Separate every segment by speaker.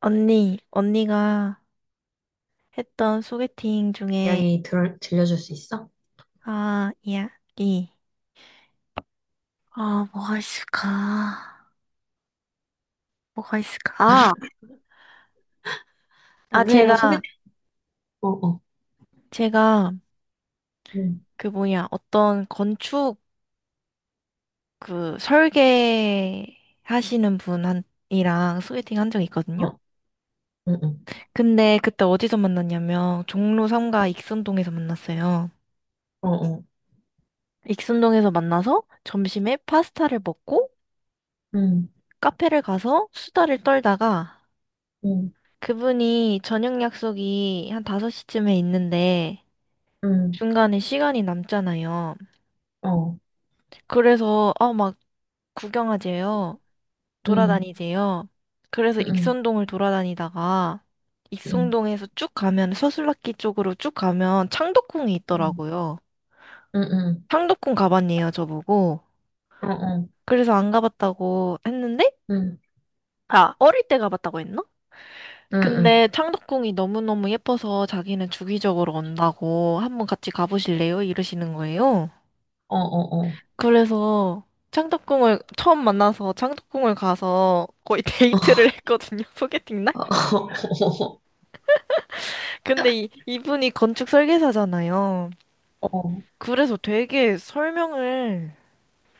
Speaker 1: 언니, 언니가 했던 소개팅 중에,
Speaker 2: 이야기 들려줄 수 있어?
Speaker 1: 아, 이야기. 아, 뭐가 있을까? 뭐가 있을까? 아, 아,
Speaker 2: 남편이랑
Speaker 1: 제가,
Speaker 2: 소개팅, 어, 어,
Speaker 1: 제가
Speaker 2: 응,
Speaker 1: 그 뭐냐, 설계 하시는 분이랑 소개팅 한 적이 있거든요?
Speaker 2: 어, 어
Speaker 1: 근데 그때 어디서 만났냐면, 종로 3가 익선동에서 만났어요.
Speaker 2: 어, 어,
Speaker 1: 익선동에서 만나서 점심에 파스타를 먹고,
Speaker 2: 응,
Speaker 1: 카페를 가서 수다를 떨다가,
Speaker 2: 응,
Speaker 1: 그분이 저녁 약속이 한 5시쯤에 있는데
Speaker 2: 응,
Speaker 1: 중간에 시간이 남잖아요.
Speaker 2: 어,
Speaker 1: 그래서 아, 막 구경하재요.
Speaker 2: 응,
Speaker 1: 돌아다니재요. 그래서
Speaker 2: 응,
Speaker 1: 익선동을 돌아다니다가
Speaker 2: 응,
Speaker 1: 익선동에서 쭉 가면 서술락기 쪽으로 쭉 가면 창덕궁이
Speaker 2: 응,
Speaker 1: 있더라고요.
Speaker 2: 응, 응,
Speaker 1: 창덕궁 가봤네요, 저보고.
Speaker 2: 어, 어,
Speaker 1: 그래서 안 가봤다고 했는데
Speaker 2: 응,
Speaker 1: 아, 어릴 때 가봤다고 했나?
Speaker 2: 응, 응,
Speaker 1: 근데 창덕궁이 너무너무 예뻐서 자기는 주기적으로 온다고 한번 같이 가보실래요? 이러시는 거예요.
Speaker 2: 어, 어, 어,
Speaker 1: 그래서 창덕궁을 처음 만나서 창덕궁을 가서 거의 데이트를 했거든요. 소개팅 날.
Speaker 2: 어,
Speaker 1: 근데 이분이 건축 설계사잖아요.
Speaker 2: 어, 어,
Speaker 1: 그래서 되게 설명을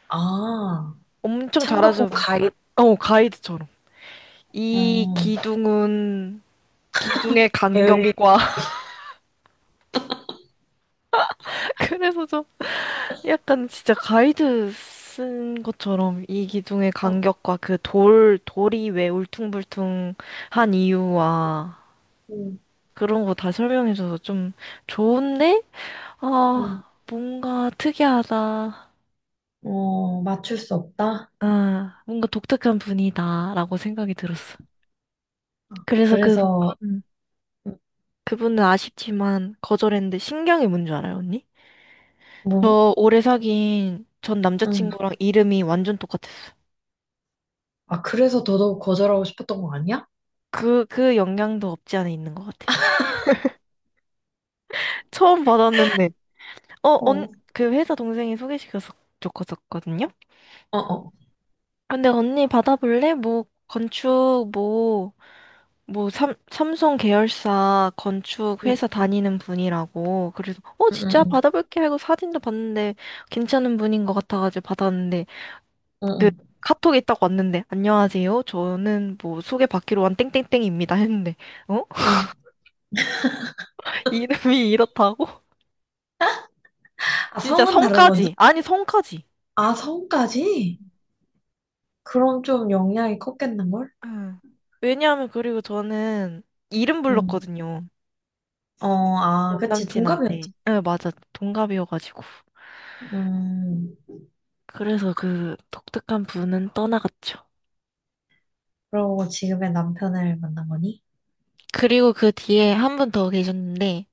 Speaker 2: 아,
Speaker 1: 엄청
Speaker 2: 창덕궁
Speaker 1: 잘하셔서
Speaker 2: 가이드,
Speaker 1: 어, 가이드처럼. 이
Speaker 2: 어,
Speaker 1: 기둥은 기둥의
Speaker 2: 배울리,
Speaker 1: 간격과 그래서 저 약간 진짜 가이드 쓴 것처럼 이 기둥의
Speaker 2: 어,
Speaker 1: 간격과 그 돌이 왜 울퉁불퉁한 이유와
Speaker 2: 응,
Speaker 1: 그런 거 다 설명해줘서 좀 좋은데? 아,
Speaker 2: 응,
Speaker 1: 뭔가 특이하다.
Speaker 2: 어, 맞출 수 없다?
Speaker 1: 아, 뭔가 독특한 분이다라고 생각이 들었어. 그래서 그,
Speaker 2: 그래서,
Speaker 1: 음, 그분은 아쉽지만 거절했는데 신경이 뭔 줄 알아요, 언니?
Speaker 2: 뭐,
Speaker 1: 저 오래 사귄 전
Speaker 2: 응,
Speaker 1: 남자친구랑 이름이 완전 똑같았어요.
Speaker 2: 아, 그래서 더더욱 거절하고 싶었던 거 아니야?
Speaker 1: 그 영향도 없지 않아 있는 것 같아요. 처음 받았는데, 어,
Speaker 2: 어,
Speaker 1: 언,
Speaker 2: 어,
Speaker 1: 그 회사 동생이 소개시켜서 줬었거든요?
Speaker 2: 어.
Speaker 1: 근데 언니 받아볼래? 뭐, 건축, 뭐, 삼성 계열사 건축
Speaker 2: 응,
Speaker 1: 회사 다니는 분이라고. 그래서, 어,
Speaker 2: 응,
Speaker 1: 진짜
Speaker 2: 응,
Speaker 1: 받아볼게 하고 사진도 봤는데, 괜찮은 분인 것 같아가지고 받았는데, 그,
Speaker 2: 응,
Speaker 1: 카톡이 딱 왔는데, 안녕하세요. 저는 뭐, 소개받기로 한 땡땡땡입니다. 했는데, 어?
Speaker 2: 응. 응.
Speaker 1: 이름이 이렇다고?
Speaker 2: 아,
Speaker 1: 진짜
Speaker 2: 성은 다른 건지?
Speaker 1: 성까지. 아니, 성까지.
Speaker 2: 아, 성까지? 그럼 좀 영향이 컸겠는걸?
Speaker 1: 응. 왜냐하면 그리고 저는 이름
Speaker 2: 응.
Speaker 1: 불렀거든요.
Speaker 2: 어, 아,
Speaker 1: 전
Speaker 2: 그치. 동갑이었지.
Speaker 1: 남친한테. 네, 맞아. 동갑이어가지고.
Speaker 2: 음,
Speaker 1: 그래서 그 독특한 분은 떠나갔죠.
Speaker 2: 그러고 지금의 남편을 만난 거니?
Speaker 1: 그리고 그 뒤에 한 분 더 계셨는데,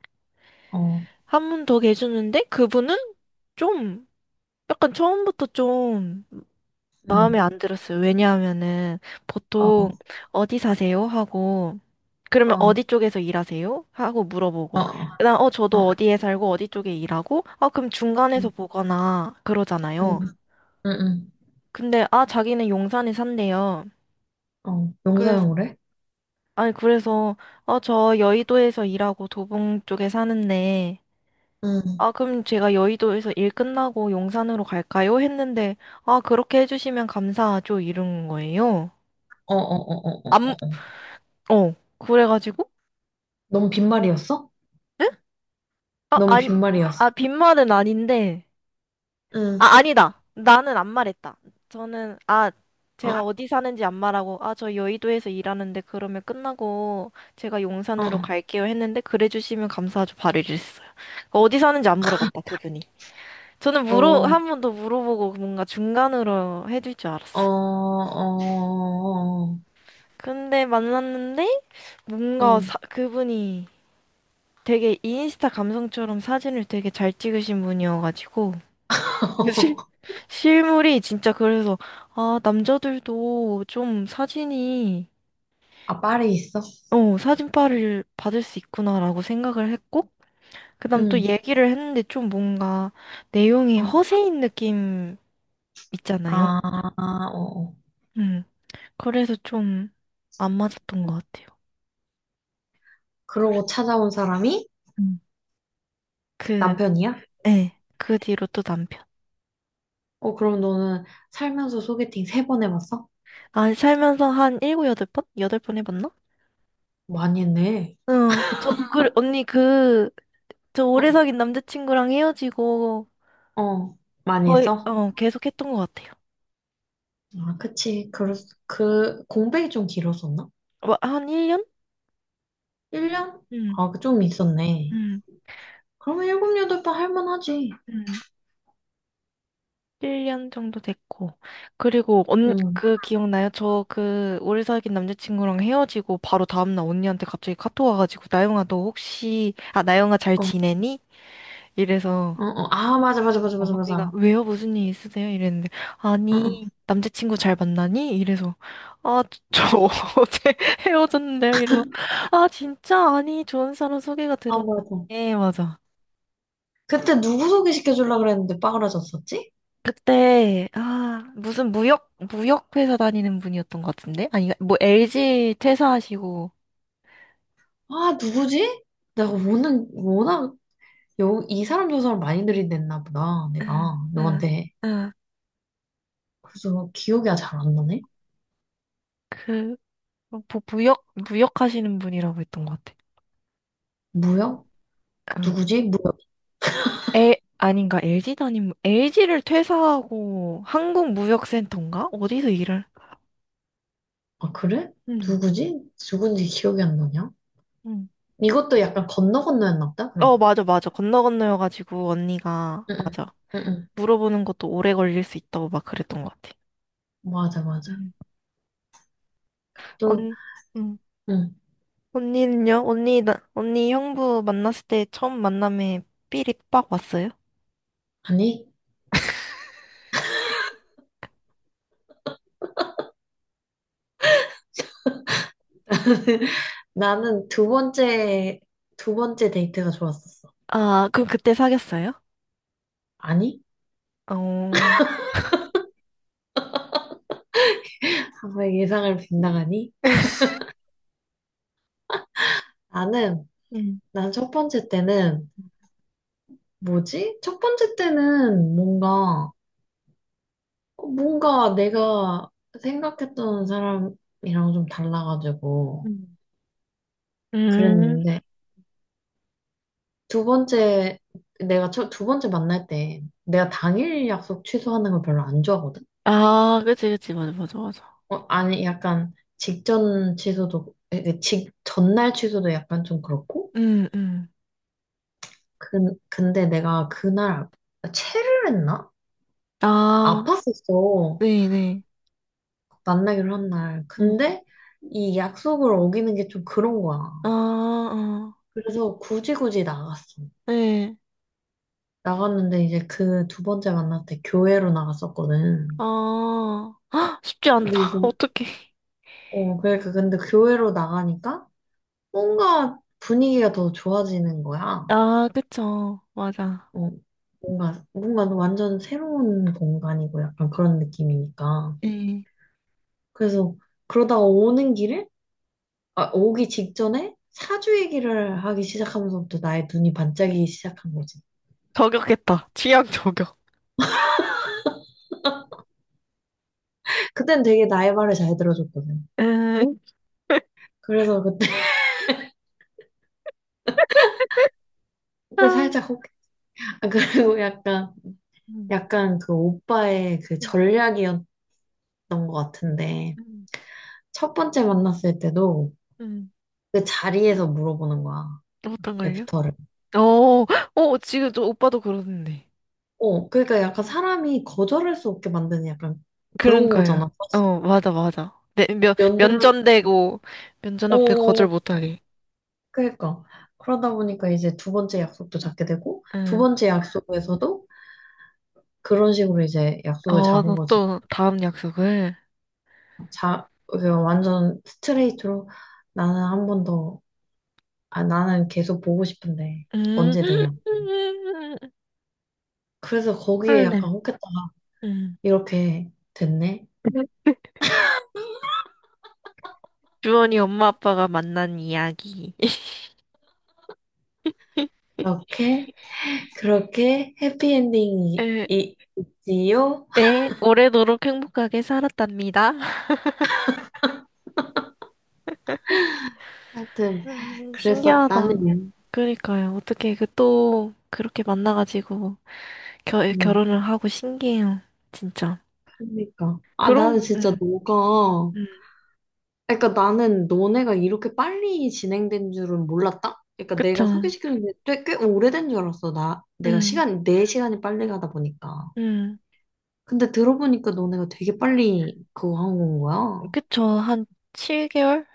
Speaker 2: 어,
Speaker 1: 한 분 더 계셨는데, 그분은 좀, 약간 처음부터 좀 마음에
Speaker 2: 응,
Speaker 1: 안 들었어요. 왜냐하면은
Speaker 2: 어,
Speaker 1: 보통
Speaker 2: 어,
Speaker 1: 어디 사세요? 하고 그러면
Speaker 2: 어,
Speaker 1: 어디 쪽에서 일하세요? 하고
Speaker 2: 어,
Speaker 1: 물어보고
Speaker 2: 어,
Speaker 1: 그다음 어 저도 어디에 살고 어디 쪽에 일하고 아 그럼 중간에서
Speaker 2: 응,
Speaker 1: 보거나
Speaker 2: 응,
Speaker 1: 그러잖아요.
Speaker 2: 응, 응.
Speaker 1: 근데 아 자기는 용산에 산대요.
Speaker 2: 어, 용서
Speaker 1: 그래서
Speaker 2: 는으로
Speaker 1: 아니 그래서 어 저 여의도에서 일하고 도봉 쪽에 사는데
Speaker 2: 응,
Speaker 1: 아 그럼 제가 여의도에서 일 끝나고 용산으로 갈까요? 했는데 아 그렇게 해주시면 감사하죠 이런 거예요.
Speaker 2: 어, 어, 어, 어, 어, 어.
Speaker 1: 어, 그래가지고,
Speaker 2: 넌 빈말이었어?
Speaker 1: 에? 아,
Speaker 2: 넌
Speaker 1: 아니,
Speaker 2: 빈말이었어?
Speaker 1: 아, 빈말은 아닌데,
Speaker 2: 응,
Speaker 1: 아, 아니다. 나는 안 말했다. 저는, 아,
Speaker 2: 어,
Speaker 1: 제가 어디 사는지 안 말하고, 아, 저 여의도에서 일하는데 그러면 끝나고 제가 용산으로 갈게요 했는데, 그래 주시면 감사하죠. 바로 이랬어요. 그러니까 어디 사는지 안 물어봤다, 그분이. 저는
Speaker 2: 어,
Speaker 1: 물어,
Speaker 2: 어,
Speaker 1: 한 번 더 물어보고 뭔가 중간으로 해줄 줄
Speaker 2: 어, 어,
Speaker 1: 알았어요.
Speaker 2: 어, 어.
Speaker 1: 근데 만났는데, 뭔가
Speaker 2: 응.
Speaker 1: 그분이 되게 인스타 감성처럼 사진을 되게 잘 찍으신 분이어가지고, 실, 실물이 진짜 그래서, 아, 남자들도 좀 사진이,
Speaker 2: 아, 파리에 있어?
Speaker 1: 어, 사진빨을 받을 수 있구나라고 생각을 했고, 그다음 또
Speaker 2: 응.
Speaker 1: 얘기를 했는데 좀 뭔가 내용이
Speaker 2: 어.
Speaker 1: 허세인 느낌 있잖아요.
Speaker 2: 아, 어. 어.
Speaker 1: 음, 그래서 좀 안 맞았던 것 같아요. 그래,
Speaker 2: 그러고 찾아온 사람이
Speaker 1: 음, 그,
Speaker 2: 남편이야?
Speaker 1: 예, 그 뒤로 또 남편.
Speaker 2: 어, 그럼 너는 살면서 소개팅 세 번 해봤어?
Speaker 1: 아, 살면서 한 일곱, 여덟 번? 여덟 번 해봤나?
Speaker 2: 많이 했네.
Speaker 1: 응, 저, 그, 언니 그, 저 오래 사귄 남자친구랑 헤어지고,
Speaker 2: 어, 어. 많이
Speaker 1: 거의,
Speaker 2: 했어?
Speaker 1: 어, 계속 했던 것 같아요.
Speaker 2: 아, 그치. 공백이 좀 길었었나?
Speaker 1: 뭐, 한 1년?
Speaker 2: 1년?
Speaker 1: 음,
Speaker 2: 아, 그좀 있었네.
Speaker 1: 음,
Speaker 2: 그러면 일곱, 여덟 번 할만하지.
Speaker 1: 음. 1년 정도 됐고. 그리고, 언,
Speaker 2: 응.
Speaker 1: 그, 기억나요? 저 그, 오래 사귄 남자친구랑 헤어지고, 바로 다음날 언니한테 갑자기 카톡 와가지고, 나영아, 너 혹시, 아, 나영아 잘
Speaker 2: 어, 어,
Speaker 1: 지내니? 이래서,
Speaker 2: 어. 아, 맞아, 맞아,
Speaker 1: 어,
Speaker 2: 맞아, 맞아,
Speaker 1: 언니가,
Speaker 2: 맞아.
Speaker 1: 왜요? 무슨 일 있으세요? 이랬는데,
Speaker 2: 응, 응.
Speaker 1: 아니, 남자친구 잘 만나니? 이래서, 아, 저,
Speaker 2: 응.
Speaker 1: 저 어제 헤어졌는데요? 이러고, 아, 진짜? 아니, 좋은 사람 소개가
Speaker 2: 아,
Speaker 1: 들어.
Speaker 2: 맞아.
Speaker 1: 예, 맞아.
Speaker 2: 그때 누구 소개시켜주려고 그랬는데 빠그라졌었지?
Speaker 1: 그때 아 무슨 무역 회사 다니는 분이었던 것 같은데 아니 그러니까 뭐 LG 퇴사하시고
Speaker 2: 아, 누구지? 내가 워낙, 워낙, 여, 이 사람 저 사람 많이 들이댔나 보다, 내가,
Speaker 1: 응, 응,
Speaker 2: 너한테.
Speaker 1: 응.
Speaker 2: 그래서 기억이 아 잘안 나네?
Speaker 1: 그 뭐, 무역 하시는 분이라고 했던 것 같아.
Speaker 2: 무역?
Speaker 1: 응.
Speaker 2: 누구지? 무역.
Speaker 1: 에 아닌가 LG 다니는 LG를 퇴사하고 한국무역센터인가 어디서 일을?
Speaker 2: 아, 그래?
Speaker 1: 응,
Speaker 2: 누구지? 누군지 기억이 안 나냐?
Speaker 1: 응.
Speaker 2: 이것도 약간 건너 건너였나 보다, 그럼.
Speaker 1: 어 맞아 맞아 건너 건너여가지고 언니가
Speaker 2: 응, 응,
Speaker 1: 맞아
Speaker 2: 응. 응.
Speaker 1: 물어보는 것도 오래 걸릴 수 있다고 막 그랬던 것 같아.
Speaker 2: 맞아, 맞아.
Speaker 1: 응.
Speaker 2: 또,
Speaker 1: 언, 응.
Speaker 2: 응.
Speaker 1: 언니는요? 언니, 나, 언니 형부 만났을 때 처음 만남에 삘이 빡 왔어요?
Speaker 2: 아니, 나는 두 번째, 두 번째 데이트가 좋았었어.
Speaker 1: 아, 그럼 그때 사귀었어요?
Speaker 2: 아니?
Speaker 1: 어,
Speaker 2: 항상 예상을 빗나가니? 나는,
Speaker 1: 음,
Speaker 2: 난 첫 번째 때는 뭐지? 첫 번째 때는 뭔가, 어, 뭔가 내가 생각했던 사람이랑 좀 달라가지고
Speaker 1: 음. 음.
Speaker 2: 그랬는데, 두 번째, 내가 첫, 두 번째 만날 때 내가 당일 약속 취소하는 걸 별로 안 좋아하거든?
Speaker 1: 아, 그치, 그치. 맞아, 맞아, 맞아.
Speaker 2: 어, 아니, 약간 직전 취소도, 이게 직, 전날 취소도 약간 좀 그렇고,
Speaker 1: 음, 음.
Speaker 2: 그, 근데 내가 그날, 체를 했나?
Speaker 1: 아,
Speaker 2: 아팠었어.
Speaker 1: 네네.
Speaker 2: 만나기로 한 날.
Speaker 1: 음.
Speaker 2: 근데 이 약속을 어기는 게 좀 그런 거야.
Speaker 1: 아, 아,
Speaker 2: 그래서 굳이 굳이 나갔어.
Speaker 1: 네.
Speaker 2: 나갔는데 이제 그 두 번째 만날 때 교회로
Speaker 1: 아,
Speaker 2: 나갔었거든.
Speaker 1: 헉, 쉽지 않다.
Speaker 2: 근데 이제,
Speaker 1: 어떡해.
Speaker 2: 어, 그러니까 근데 교회로 나가니까 뭔가 분위기가 더 좋아지는 거야.
Speaker 1: 아, 그쵸. 맞아.
Speaker 2: 어, 뭔가, 뭔가 완전 새로운 공간이고 약간 그런 느낌이니까.
Speaker 1: 네.
Speaker 2: 그래서 그러다가 오는 길에, 아, 오기 직전에 사주 얘기를 하기 시작하면서부터 나의 눈이 반짝이기 시작한 거지.
Speaker 1: 저격했다. 취향 저격.
Speaker 2: 그땐 되게 나의 말을 잘 들어줬거든.
Speaker 1: 음,
Speaker 2: 그래서 그때,
Speaker 1: 아.
Speaker 2: 그때 살짝 혹, 아, 그리고 약간,
Speaker 1: 음.
Speaker 2: 약간 그 오빠의 그 전략이었던 것 같은데,
Speaker 1: 음,
Speaker 2: 첫 번째 만났을 때도
Speaker 1: 음.
Speaker 2: 그 자리에서 물어보는 거야,
Speaker 1: 어떤 걸요?
Speaker 2: 애프터를.
Speaker 1: 어, 어, 지금 또 오빠도 그러는데.
Speaker 2: 어, 그러니까 약간 사람이 거절할 수 없게 만드는 약간 그런
Speaker 1: 그러니까요.
Speaker 2: 거잖아. 사실.
Speaker 1: 어, 맞아, 맞아. 네, 면,
Speaker 2: 연대면,
Speaker 1: 면전되고, 면전 앞에 거절
Speaker 2: 어,
Speaker 1: 못하게.
Speaker 2: 그러니까. 그러다 보니까 이제 두 번째 약속도 잡게 되고, 두
Speaker 1: 응.
Speaker 2: 번째 약속에서도 그런 식으로 이제 약속을
Speaker 1: 어, 나
Speaker 2: 잡은 거지.
Speaker 1: 또 다음 약속을.
Speaker 2: 자, 그냥 완전 스트레이트로 나는 한 번 더, 아, 나는 계속 보고 싶은데
Speaker 1: 음,
Speaker 2: 언제 되냐. 그래서 거기에
Speaker 1: 할래.
Speaker 2: 약간 혹했다가
Speaker 1: 음.
Speaker 2: 이렇게 됐네.
Speaker 1: 주원이 엄마 아빠가 만난 이야기.
Speaker 2: 그렇게, 그렇게 해피엔딩이
Speaker 1: 에,
Speaker 2: 있지요?
Speaker 1: 에, 오래도록 행복하게 살았답니다.
Speaker 2: 하여튼,
Speaker 1: 신기하다.
Speaker 2: 그랬었다네.
Speaker 1: 그러니까요. 어떻게 그 또 그렇게 만나가지고. 겨,
Speaker 2: 음,
Speaker 1: 결혼을 하고 신기해요. 진짜.
Speaker 2: 그러니까. 아, 나는
Speaker 1: 그럼,
Speaker 2: 진짜
Speaker 1: 응,
Speaker 2: 너가
Speaker 1: 응,
Speaker 2: 그러니까 나는 너네가 이렇게 빨리 진행된 줄은 몰랐다? 그러니까
Speaker 1: 그쵸.
Speaker 2: 내가 소개시키는 게 꽤, 오래된 줄 알았어. 나, 내가
Speaker 1: 응,
Speaker 2: 시간, 내 시간이 빨리 가다 보니까.
Speaker 1: 응,
Speaker 2: 근데 들어보니까 너네가 되게 빨리 그거 한 건 거야.
Speaker 1: 그쵸. 한 7개월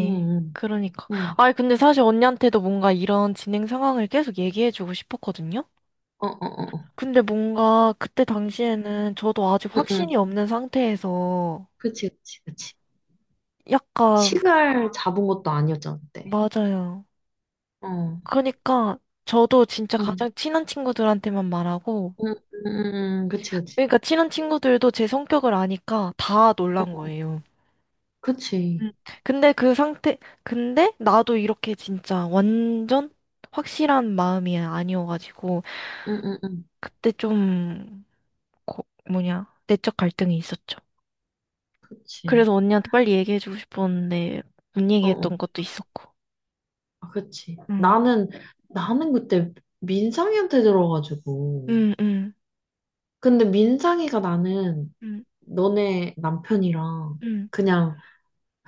Speaker 2: 응, 응,
Speaker 1: 그러니까.
Speaker 2: 응.
Speaker 1: 아니, 근데 사실 언니한테도 뭔가 이런 진행 상황을 계속 얘기해주고 싶었거든요?
Speaker 2: 어, 어, 어, 어.
Speaker 1: 근데 뭔가 그때 당시에는 저도 아직
Speaker 2: 응,
Speaker 1: 확신이
Speaker 2: 응.
Speaker 1: 없는 상태에서
Speaker 2: 그치, 그치, 그치.
Speaker 1: 약간,
Speaker 2: 시간 잡은 것도 아니었잖아, 그때.
Speaker 1: 맞아요.
Speaker 2: 어, 응,
Speaker 1: 그러니까 저도 진짜
Speaker 2: 응,
Speaker 1: 가장 친한 친구들한테만 말하고,
Speaker 2: 응, 응, 응. 그치, 그치.
Speaker 1: 그러니까 친한 친구들도 제 성격을 아니까 다
Speaker 2: 어,
Speaker 1: 놀란
Speaker 2: 어.
Speaker 1: 거예요.
Speaker 2: 그치.
Speaker 1: 음. 근데 그 상태, 근데 나도 이렇게 진짜 완전 확실한 마음이 아니어가지고,
Speaker 2: 응, 응, 응.
Speaker 1: 그때 좀, 고, 뭐냐, 내적 갈등이 있었죠.
Speaker 2: 그치.
Speaker 1: 그래서 언니한테 빨리 얘기해주고 싶었는데, 못
Speaker 2: 어 어.
Speaker 1: 얘기했던 것도 있었고.
Speaker 2: 아, 그치.
Speaker 1: 음,
Speaker 2: 나는, 나는 그때 민상이한테 들어가지고.
Speaker 1: 음, 음,
Speaker 2: 근데 민상이가 나는
Speaker 1: 음,
Speaker 2: 너네 남편이랑
Speaker 1: 음.
Speaker 2: 그냥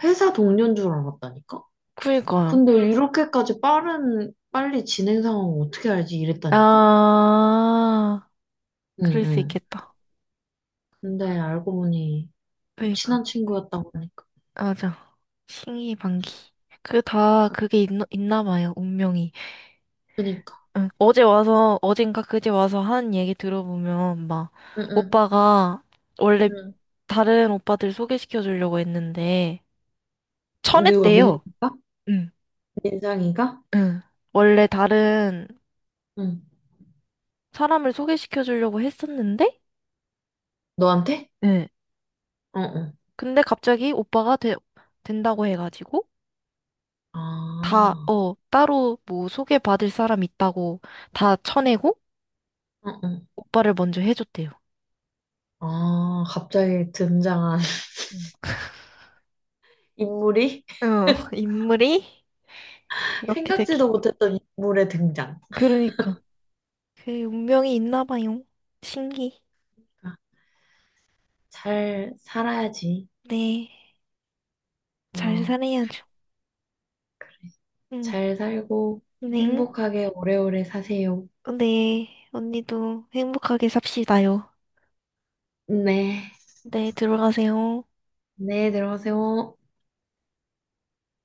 Speaker 2: 회사 동료인 줄 알았다니까?
Speaker 1: 그니까요.
Speaker 2: 근데 응. 이렇게까지 빠른, 빨리 진행 상황 어떻게 알지? 이랬다니까?
Speaker 1: 아,
Speaker 2: 응,
Speaker 1: 그럴 수
Speaker 2: 응.
Speaker 1: 있겠다.
Speaker 2: 근데 알고 보니 친한
Speaker 1: 그니까.
Speaker 2: 친구였다고 하니까.
Speaker 1: 맞아. 신기방기. 그 다,
Speaker 2: 가-
Speaker 1: 그게 있나 봐요, 운명이.
Speaker 2: 그니까.
Speaker 1: 응, 어제 와서, 어젠가 그제 와서 한 얘기 들어보면, 막,
Speaker 2: 응, 응,
Speaker 1: 오빠가 원래
Speaker 2: 응.
Speaker 1: 다른 오빠들 소개시켜 주려고 했는데,
Speaker 2: 누가,
Speaker 1: 쳐냈대요.
Speaker 2: 민상이가?
Speaker 1: 응,
Speaker 2: 민상이가?
Speaker 1: 응. 원래 다른
Speaker 2: 응.
Speaker 1: 사람을 소개시켜 주려고 했었는데,
Speaker 2: 너한테?
Speaker 1: 응
Speaker 2: 응, 응.
Speaker 1: 근데 갑자기 오빠가 된다고 해가지고, 다,
Speaker 2: 아,
Speaker 1: 어, 따로 뭐 소개받을 사람 있다고 다 쳐내고,
Speaker 2: 응, 응.
Speaker 1: 오빠를 먼저 해줬대요.
Speaker 2: 아, 갑자기 등장한
Speaker 1: 응
Speaker 2: 인물이
Speaker 1: 어, 인물이 그렇게
Speaker 2: 생각지도
Speaker 1: 되기.
Speaker 2: 못했던 인물의 등장.
Speaker 1: 그러니까. 그 운명이 있나 봐요. 신기.
Speaker 2: 아, 잘 살아야지.
Speaker 1: 네. 잘
Speaker 2: 어,
Speaker 1: 살아야죠.
Speaker 2: 그래.
Speaker 1: 응.
Speaker 2: 잘 살고
Speaker 1: 네.
Speaker 2: 행복하게 오래오래 사세요.
Speaker 1: 네. 언니도 행복하게 삽시다요.
Speaker 2: 네.
Speaker 1: 네, 들어가세요.
Speaker 2: 네, 들어가세요.